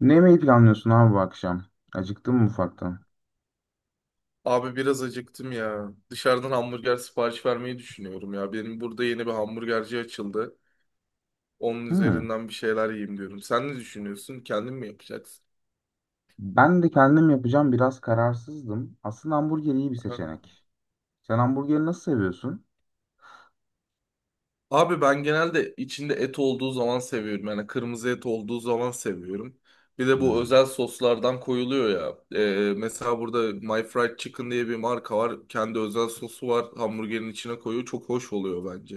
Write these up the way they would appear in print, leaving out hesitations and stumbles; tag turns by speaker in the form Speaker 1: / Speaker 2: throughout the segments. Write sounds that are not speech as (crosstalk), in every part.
Speaker 1: Ne yemeği planlıyorsun abi bu akşam? Acıktın mı ufaktan?
Speaker 2: Abi biraz acıktım ya. Dışarıdan hamburger sipariş vermeyi düşünüyorum ya. Benim burada yeni bir hamburgerci açıldı. Onun
Speaker 1: Hmm.
Speaker 2: üzerinden bir şeyler yiyeyim diyorum. Sen ne düşünüyorsun? Kendin mi yapacaksın?
Speaker 1: Ben de kendim yapacağım, biraz kararsızdım. Aslında hamburger iyi bir
Speaker 2: Aha.
Speaker 1: seçenek. Sen hamburgeri nasıl seviyorsun?
Speaker 2: Abi ben genelde içinde et olduğu zaman seviyorum. Yani kırmızı et olduğu zaman seviyorum. Bir de bu
Speaker 1: Hmm.
Speaker 2: özel soslardan koyuluyor ya. Mesela burada My Fried Chicken diye bir marka var. Kendi özel sosu var. Hamburgerin içine koyuyor. Çok hoş oluyor bence.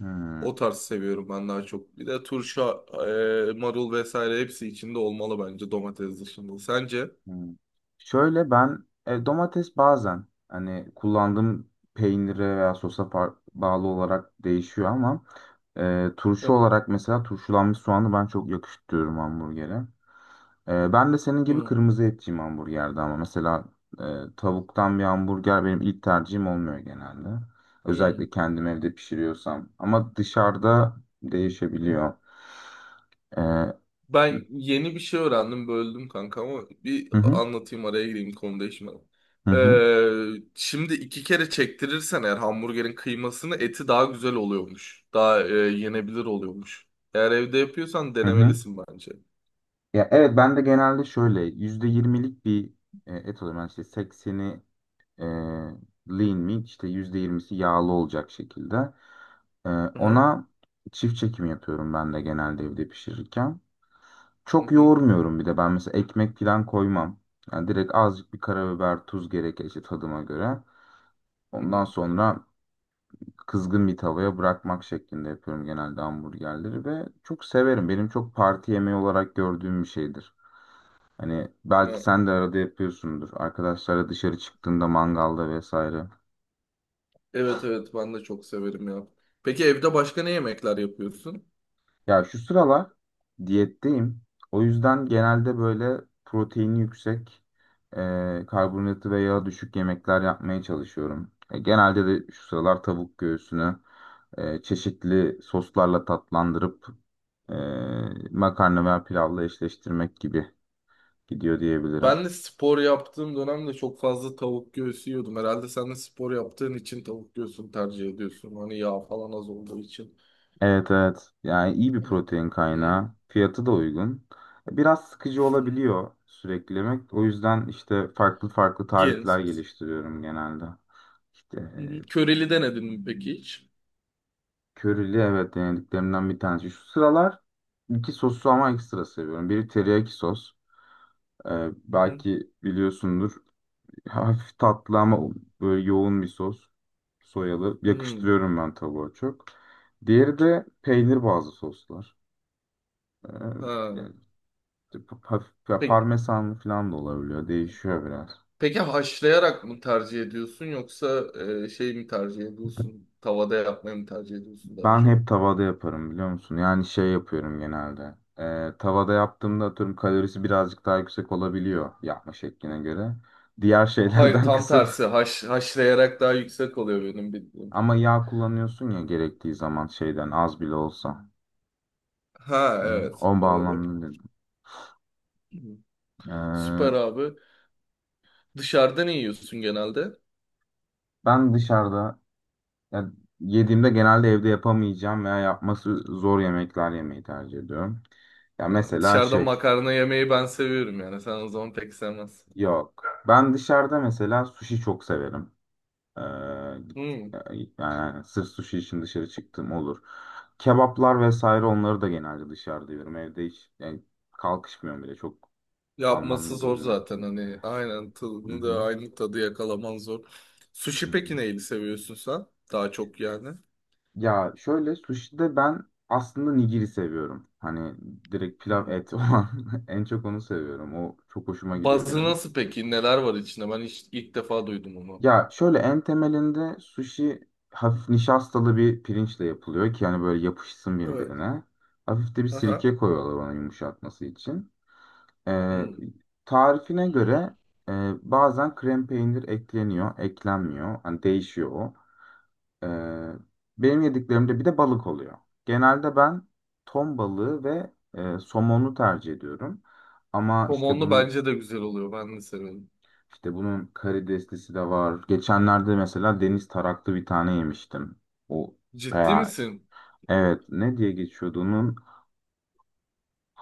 Speaker 1: Hmm.
Speaker 2: O tarz seviyorum ben daha çok. Bir de turşa, marul vesaire hepsi içinde olmalı bence domates dışında. Sence?
Speaker 1: Hmm. Şöyle ben domates bazen hani kullandığım peynire veya sosa bağlı olarak değişiyor, ama
Speaker 2: Hı
Speaker 1: turşu
Speaker 2: hı.
Speaker 1: olarak mesela turşulanmış soğanı ben çok yakıştırıyorum hamburgere. Ben de senin gibi
Speaker 2: Hmm.
Speaker 1: kırmızı etçiyim hamburgerde, ama mesela tavuktan bir hamburger benim ilk tercihim olmuyor genelde.
Speaker 2: Hmm.
Speaker 1: Özellikle kendim evde pişiriyorsam. Ama dışarıda değişebiliyor. Hı
Speaker 2: Ben yeni bir şey öğrendim, böldüm kanka ama bir
Speaker 1: hı,
Speaker 2: anlatayım araya gireyim konu değişmeden.
Speaker 1: hı hı,
Speaker 2: Şimdi iki kere çektirirsen eğer hamburgerin kıymasını eti daha güzel oluyormuş. Daha yenebilir oluyormuş. Eğer evde yapıyorsan
Speaker 1: hı hı.
Speaker 2: denemelisin bence.
Speaker 1: Ya evet, ben de genelde şöyle %20'lik bir et alıyorum. Yani işte 80'i e, lean meat, işte %20'si yağlı olacak şekilde. E,
Speaker 2: Hı hı.
Speaker 1: Ona çift çekim yapıyorum ben de genelde evde pişirirken.
Speaker 2: Hı
Speaker 1: Çok
Speaker 2: hı.
Speaker 1: yoğurmuyorum, bir de ben mesela ekmek falan koymam. Yani direkt azıcık bir karabiber, tuz gerekirse tadıma göre. Ondan
Speaker 2: Hı
Speaker 1: sonra kızgın bir tavaya bırakmak şeklinde yapıyorum genelde hamburgerleri ve çok severim. Benim çok parti yemeği olarak gördüğüm bir şeydir. Hani belki
Speaker 2: hı.
Speaker 1: sen de arada yapıyorsundur. Arkadaşlarla dışarı çıktığında mangalda vesaire.
Speaker 2: Evet, evet, ben de çok severim ya. Peki evde başka ne yemekler yapıyorsun?
Speaker 1: Ya şu sıralar diyetteyim. O yüzden genelde böyle proteini yüksek, karbonhidratı ve yağı düşük yemekler yapmaya çalışıyorum. Genelde de şu sıralar tavuk göğsünü çeşitli soslarla tatlandırıp e, makarna veya pilavla eşleştirmek gibi gidiyor diyebilirim.
Speaker 2: Ben de spor yaptığım dönemde çok fazla tavuk göğsü yiyordum. Herhalde sen de spor yaptığın için tavuk göğsünü tercih ediyorsun. Hani yağ falan az olduğu için.
Speaker 1: Evet, evet. Yani iyi bir
Speaker 2: Evet.
Speaker 1: protein kaynağı. Fiyatı da uygun. Biraz sıkıcı
Speaker 2: Hı hı.
Speaker 1: olabiliyor sürekli yemek. O yüzden işte farklı farklı
Speaker 2: Yeğenim
Speaker 1: tarifler
Speaker 2: sos.
Speaker 1: geliştiriyorum genelde. İşte,
Speaker 2: Hı hı. Köreli denedin mi peki hiç?
Speaker 1: körili evet, denediklerimden bir tanesi. Şu sıralar iki sosu ama ekstra seviyorum. Biri teriyaki sos. E,
Speaker 2: Hı hı.
Speaker 1: Belki biliyorsundur. (laughs) Hafif tatlı ama böyle yoğun bir sos. Soyalı.
Speaker 2: Hmm.
Speaker 1: Yakıştırıyorum ben tavuğa çok. Diğeri de peynir bazlı soslar. E,
Speaker 2: Ha.
Speaker 1: Yani hafif ya,
Speaker 2: Peki,
Speaker 1: parmesan falan da olabiliyor. Değişiyor biraz.
Speaker 2: peki haşlayarak mı tercih ediyorsun yoksa şey mi tercih ediyorsun? Tavada yapmayı mı tercih ediyorsun daha
Speaker 1: Ben
Speaker 2: çok?
Speaker 1: hep tavada yaparım, biliyor musun? Yani şey yapıyorum genelde. Tavada yaptığımda atıyorum kalorisi birazcık daha yüksek olabiliyor yapma şekline göre. Diğer
Speaker 2: Hayır
Speaker 1: şeylerden (laughs)
Speaker 2: tam
Speaker 1: kısıp,
Speaker 2: tersi. Haşlayarak daha yüksek oluyor benim bildiğim.
Speaker 1: ama yağ kullanıyorsun ya gerektiği zaman şeyden, az bile olsa.
Speaker 2: Ha,
Speaker 1: Hmm,
Speaker 2: evet,
Speaker 1: o
Speaker 2: doğru.
Speaker 1: bağlamda dedim.
Speaker 2: Hı. Süper
Speaker 1: Ee,
Speaker 2: abi. Dışarıda ne yiyorsun genelde?
Speaker 1: Ben dışarıda ya yediğimde genelde evde yapamayacağım veya yapması zor yemekler yemeyi tercih ediyorum. Ya
Speaker 2: Ha,
Speaker 1: mesela
Speaker 2: dışarıda
Speaker 1: şey.
Speaker 2: makarna yemeyi ben seviyorum yani. Sen o zaman pek sevmezsin.
Speaker 1: Yok, ben dışarıda mesela sushi çok severim. Ee,
Speaker 2: Hmm.
Speaker 1: Yani, sırf sushi için dışarı çıktığım olur. Kebaplar vesaire, onları da genelde dışarıda yiyorum. Evde hiç yani kalkışmıyorum bile. Çok
Speaker 2: Yapması
Speaker 1: anlamlı
Speaker 2: zor
Speaker 1: bulmuyor.
Speaker 2: zaten hani. Aynen
Speaker 1: Hı
Speaker 2: tadını
Speaker 1: hı,
Speaker 2: da aynı tadı yakalaman zor.
Speaker 1: hı
Speaker 2: Sushi
Speaker 1: hı.
Speaker 2: peki neyi seviyorsun sen? Daha çok yani.
Speaker 1: Ya şöyle, sushi'de ben aslında nigiri seviyorum. Hani direkt pilav
Speaker 2: Hmm.
Speaker 1: et olan, (laughs) en çok onu seviyorum. O çok hoşuma gidiyor
Speaker 2: Bazı
Speaker 1: benim.
Speaker 2: nasıl peki? Neler var içinde? Ben hiç, ilk defa duydum onu.
Speaker 1: Ya şöyle, en temelinde sushi hafif nişastalı bir pirinçle yapılıyor ki hani böyle yapışsın
Speaker 2: Evet.
Speaker 1: birbirine. Hafif de bir
Speaker 2: Aha.
Speaker 1: sirke koyuyorlar onu yumuşatması için. Ee,
Speaker 2: Hmm.
Speaker 1: Tarifine göre bazen krem peynir ekleniyor, eklenmiyor. Hani değişiyor o. Ee, Benim yediklerimde bir de balık oluyor. Genelde ben ton balığı ve somonu tercih ediyorum. Ama işte
Speaker 2: Somonlu
Speaker 1: bunun
Speaker 2: bence de güzel oluyor. Ben de seviyorum.
Speaker 1: işte bunun karideslisi de var. Geçenlerde mesela deniz taraklı bir tane yemiştim. O
Speaker 2: Ciddi
Speaker 1: veya,
Speaker 2: misin?
Speaker 1: evet, ne diye geçiyordu onun?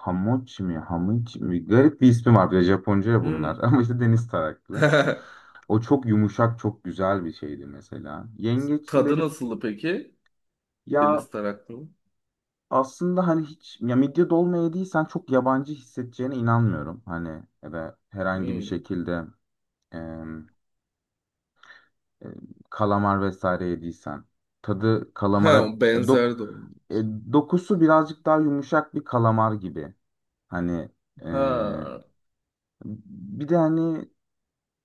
Speaker 1: Hamochi mi? Hamichi mi? Garip bir ismi var, bir de Japonca ya bunlar. (laughs)
Speaker 2: Hmm.
Speaker 1: Ama işte deniz taraklı.
Speaker 2: (laughs)
Speaker 1: O çok yumuşak, çok güzel bir şeydi mesela.
Speaker 2: Tadı
Speaker 1: Yengeçleri,
Speaker 2: nasıldı peki?
Speaker 1: ya
Speaker 2: Deniz taraklı mı?
Speaker 1: aslında hani hiç, ya midye dolma yediysen, çok yabancı hissedeceğine inanmıyorum. Hani ya da herhangi bir
Speaker 2: Hmm.
Speaker 1: şekilde e, kalamar vesaire yediysen. Tadı
Speaker 2: Ha,
Speaker 1: kalamara,
Speaker 2: benzer de oldu.
Speaker 1: e, dokusu birazcık daha yumuşak bir kalamar gibi. Hani, e,
Speaker 2: Ha.
Speaker 1: bir de hani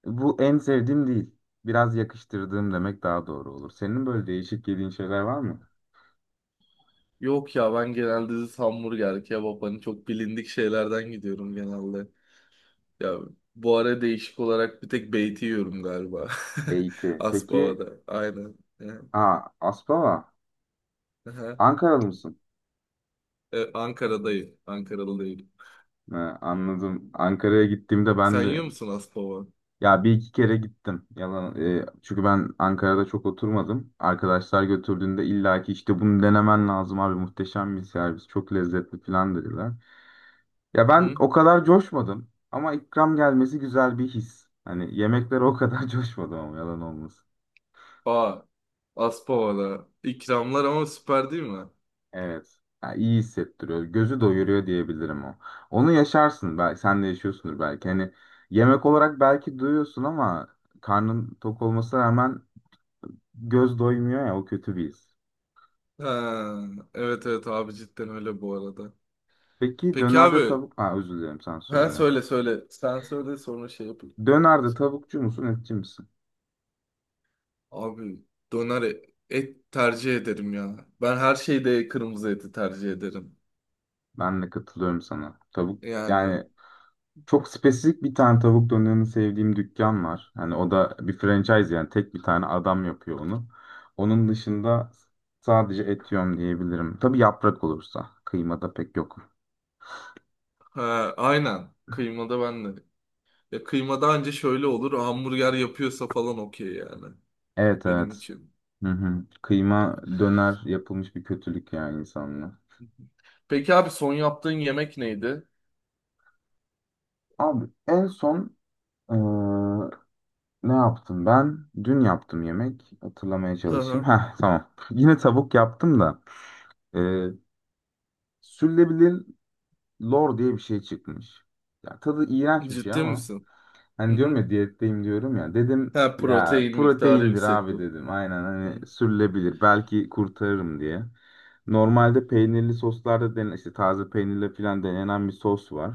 Speaker 1: bu en sevdiğim değil. Biraz yakıştırdığım demek daha doğru olur. Senin böyle değişik yediğin şeyler var mı?
Speaker 2: Yok ya, ben genelde hamburger, kebap hani çok bilindik şeylerden gidiyorum genelde. Ya bu ara değişik olarak bir tek beyti yiyorum galiba. (laughs)
Speaker 1: Beyti. Peki,
Speaker 2: Aspava'da. Aynen. Ya.
Speaker 1: aa, Aspava.
Speaker 2: Aha.
Speaker 1: Ankaralı mısın?
Speaker 2: Ankara'dayım. Ankara'da değil.
Speaker 1: Ha, anladım. Ankara'ya gittiğimde
Speaker 2: Sen
Speaker 1: ben de...
Speaker 2: yiyor musun Aspava?
Speaker 1: Ya, bir iki kere gittim. Yalan, çünkü ben Ankara'da çok oturmadım. Arkadaşlar götürdüğünde illaki, işte, bunu denemen lazım abi, muhteşem bir servis, çok lezzetli falan dediler. Ya
Speaker 2: Hı
Speaker 1: ben
Speaker 2: hı.
Speaker 1: o kadar coşmadım ama ikram gelmesi güzel bir his. Hani yemeklere o kadar (laughs) coşmadım ama yalan olmasın.
Speaker 2: Aa, Aspava'da. İkramlar ama süper değil mi?
Speaker 1: Evet. Ya, iyi hissettiriyor. Gözü doyuruyor diyebilirim o. Onu yaşarsın, belki sen de yaşıyorsundur belki. Hani yemek olarak belki duyuyorsun ama karnın tok olmasına rağmen göz doymuyor ya, o kötü bir his.
Speaker 2: Ha, evet, evet, abi cidden öyle bu arada.
Speaker 1: Peki
Speaker 2: Peki
Speaker 1: dönerde
Speaker 2: abi.
Speaker 1: tavuk... Ha, özür dilerim, sen
Speaker 2: Ha,
Speaker 1: söyle.
Speaker 2: söyle söyle. Sen söyle sonra şey yapayım.
Speaker 1: Dönerde tavukçu musun, etçi misin?
Speaker 2: Abi döner e- et tercih ederim ya. Ben her şeyde kırmızı eti tercih ederim.
Speaker 1: Ben de katılıyorum sana. Tavuk
Speaker 2: Yani
Speaker 1: yani, çok spesifik bir tane tavuk dönerini sevdiğim dükkan var. Hani o da bir franchise, yani tek bir tane adam yapıyor onu. Onun dışında sadece et yiyorum diyebilirim. Tabii yaprak olursa. Kıymada pek yok.
Speaker 2: ha, aynen. Kıymada ben de. Ya kıymada anca şöyle olur. Hamburger yapıyorsa falan okey yani.
Speaker 1: Evet,
Speaker 2: Benim
Speaker 1: evet.
Speaker 2: için.
Speaker 1: Hı hı. Kıyma döner yapılmış bir kötülük yani insanlığa.
Speaker 2: Peki abi son yaptığın yemek neydi?
Speaker 1: Abi en son eee, ne yaptım ben? Dün yaptım yemek. Hatırlamaya
Speaker 2: Hı
Speaker 1: çalışayım.
Speaker 2: hı.
Speaker 1: Heh, tamam. (laughs) Yine tavuk yaptım da. Ee, Sürülebilir lor diye bir şey çıkmış. Ya, tadı iğrenç bir şey
Speaker 2: Ciddi
Speaker 1: ama.
Speaker 2: misin? Hı
Speaker 1: Hani diyorum
Speaker 2: hı.
Speaker 1: ya, diyetteyim diyorum ya. Dedim
Speaker 2: Ha,
Speaker 1: ya,
Speaker 2: protein miktarı
Speaker 1: proteindir
Speaker 2: yüksek
Speaker 1: abi
Speaker 2: olur.
Speaker 1: dedim. Aynen,
Speaker 2: Hı
Speaker 1: hani sürülebilir. Belki kurtarırım diye. Normalde peynirli soslarda denen, işte taze peynirle falan denenen bir sos var.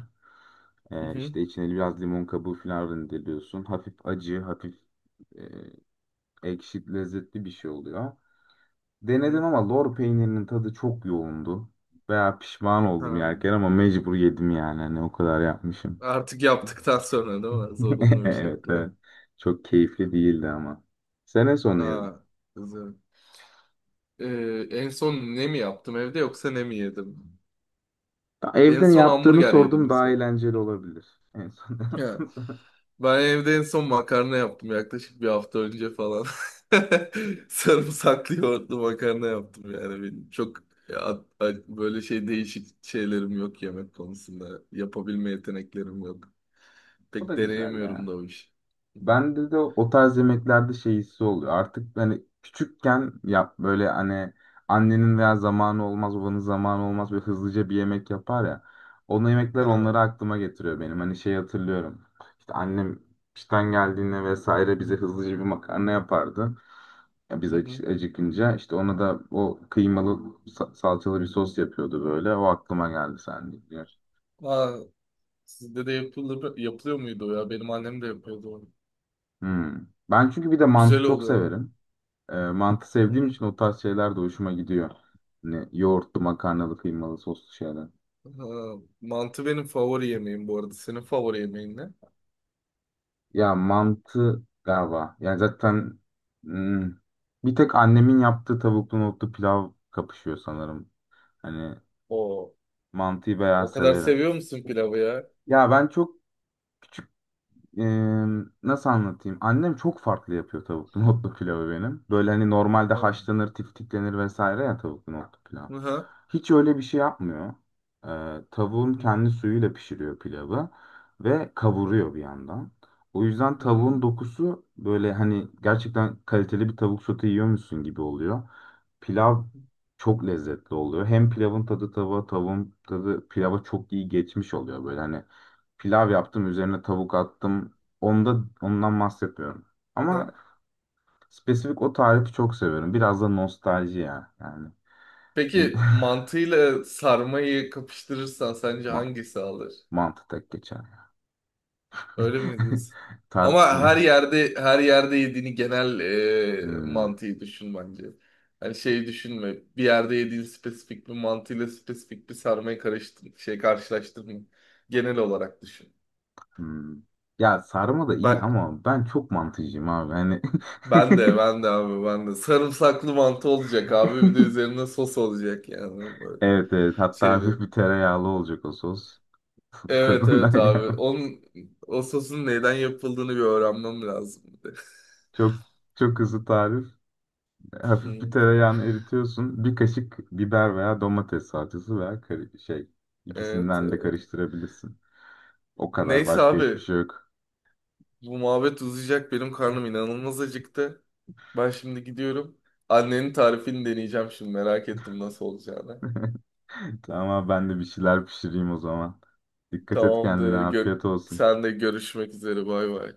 Speaker 2: hı hı.
Speaker 1: İşte içine biraz limon kabuğu falan rendeliyorsun. Hafif acı, hafif e, ekşi, lezzetli bir şey oluyor. Denedim
Speaker 2: Hı.
Speaker 1: ama lor peynirinin tadı çok yoğundu. Veya pişman oldum
Speaker 2: Ha.
Speaker 1: yerken ama mecbur yedim yani. Hani o kadar yapmışım.
Speaker 2: Artık yaptıktan sonra değil mi?
Speaker 1: (laughs)
Speaker 2: Zorunlu bir
Speaker 1: Evet, evet.
Speaker 2: şekilde.
Speaker 1: Çok keyifli değildi ama. Sene sonu yedim.
Speaker 2: Ha, güzel. En son ne mi yaptım evde yoksa ne mi yedim?
Speaker 1: Ya,
Speaker 2: En
Speaker 1: evden
Speaker 2: son
Speaker 1: yaptığını
Speaker 2: hamburger yedim
Speaker 1: sordum,
Speaker 2: en
Speaker 1: daha
Speaker 2: son.
Speaker 1: eğlenceli olabilir. En son (laughs)
Speaker 2: Ya,
Speaker 1: yaptığınız.
Speaker 2: ben evde en son makarna yaptım yaklaşık bir hafta önce falan. (laughs) Sarımsaklı yoğurtlu makarna yaptım yani benim. Çok ya, böyle şey değişik şeylerim yok yemek konusunda. Yapabilme yeteneklerim yok.
Speaker 1: O da
Speaker 2: Pek
Speaker 1: güzel
Speaker 2: deneyemiyorum
Speaker 1: ya.
Speaker 2: da o iş. Hı hı.
Speaker 1: Bende de o tarz yemeklerde şey hissi oluyor. Artık hani küçükken, yap böyle hani, annenin veya zamanı olmaz, babanın zamanı olmaz, böyle hızlıca bir yemek yapar ya. Onun yemekler,
Speaker 2: Ha.
Speaker 1: onları aklıma getiriyor benim. Hani şey hatırlıyorum. İşte annem işten geldiğinde vesaire bize hızlıca bir makarna yapardı. Ya biz
Speaker 2: Hı hı.
Speaker 1: acıkınca işte, ona da o kıymalı salçalı bir sos yapıyordu böyle. O aklıma geldi sen deyince.
Speaker 2: Aa, sizde de yapılıyor muydu o ya? Benim annem de yapıyordu onu.
Speaker 1: Hmm. Ben çünkü bir de mantı
Speaker 2: Güzel
Speaker 1: çok
Speaker 2: oluyor ama.
Speaker 1: severim. Mantı
Speaker 2: Hı
Speaker 1: sevdiğim
Speaker 2: hı.
Speaker 1: için o tarz şeyler de hoşuma gidiyor. Hani yoğurtlu, makarnalı, kıymalı, soslu şeyler.
Speaker 2: Aa, mantı benim favori yemeğim bu arada. Senin favori yemeğin ne?
Speaker 1: Ya mantı galiba. Yani zaten hmm, bir tek annemin yaptığı tavuklu nohutlu pilav kapışıyor sanırım. Hani
Speaker 2: O,
Speaker 1: mantıyı bayağı
Speaker 2: o kadar
Speaker 1: severim.
Speaker 2: seviyor musun pilavı ya?
Speaker 1: Ya ben çok küçük, e, nasıl anlatayım? Annem çok farklı yapıyor tavuklu (laughs) nohutlu pilavı benim. Böyle hani normalde
Speaker 2: Ha.
Speaker 1: haşlanır, tiftiklenir vesaire ya tavuklu nohutlu pilav.
Speaker 2: Hı hı.
Speaker 1: Hiç öyle bir şey yapmıyor.
Speaker 2: Hı
Speaker 1: Tavuğun
Speaker 2: hı.
Speaker 1: kendi suyuyla pişiriyor pilavı ve kavuruyor bir yandan. O yüzden tavuğun
Speaker 2: Hmm.
Speaker 1: dokusu böyle hani gerçekten kaliteli bir tavuk sote yiyormuşsun gibi oluyor. Pilav çok lezzetli oluyor. Hem pilavın tadı tavuğa, tavuğun tadı pilava çok iyi geçmiş oluyor, böyle hani pilav yaptım, üzerine tavuk attım. Ondan bahsetmiyorum.
Speaker 2: Hı
Speaker 1: Ama
Speaker 2: hı.
Speaker 1: spesifik o tarifi çok seviyorum. Biraz da nostalji ya. Yani şimdi
Speaker 2: Peki mantıyla sarmayı kapıştırırsan
Speaker 1: (laughs)
Speaker 2: sence
Speaker 1: ma
Speaker 2: hangisi alır?
Speaker 1: mantı tek geçer ya.
Speaker 2: Öyle mi
Speaker 1: (laughs)
Speaker 2: diyorsun? Ama her
Speaker 1: Tartışmayız.
Speaker 2: yerde her yerde yediğini genel
Speaker 1: Hmm.
Speaker 2: mantığı düşün bence. Hani şey düşünme. Bir yerde yediğin spesifik bir mantıyla spesifik bir sarmayı karıştır, şey karşılaştırma. Genel olarak düşün.
Speaker 1: Hmm. Ya sarma da iyi
Speaker 2: Ben
Speaker 1: ama ben çok mantıcıyım abi. Hani
Speaker 2: ben de
Speaker 1: (laughs)
Speaker 2: ben de abi ben de sarımsaklı mantı olacak abi bir de üzerine sos olacak yani böyle
Speaker 1: evet, evet, hatta
Speaker 2: şeyde.
Speaker 1: hafif bir tereyağlı olacak o sos (laughs)
Speaker 2: Evet, evet,
Speaker 1: tadından
Speaker 2: abi.
Speaker 1: ya.
Speaker 2: O sosun neyden yapıldığını bir öğrenmem lazım bir de. (laughs)
Speaker 1: Çok çok hızlı tarif. Hafif bir
Speaker 2: Hı.
Speaker 1: tereyağını eritiyorsun. Bir kaşık biber veya domates salçası veya
Speaker 2: Evet,
Speaker 1: ikisinden de
Speaker 2: evet.
Speaker 1: karıştırabilirsin. O kadar,
Speaker 2: Neyse
Speaker 1: başka hiçbir
Speaker 2: abi,
Speaker 1: şey yok.
Speaker 2: bu muhabbet uzayacak. Benim karnım inanılmaz acıktı. Ben şimdi gidiyorum. Annenin tarifini deneyeceğim şimdi. Merak ettim nasıl olacağını.
Speaker 1: (laughs) Tamam, ben de bir şeyler pişireyim o zaman. Dikkat et kendine,
Speaker 2: Tamamdır.
Speaker 1: afiyet olsun.
Speaker 2: Sen de görüşmek üzere. Bay bay.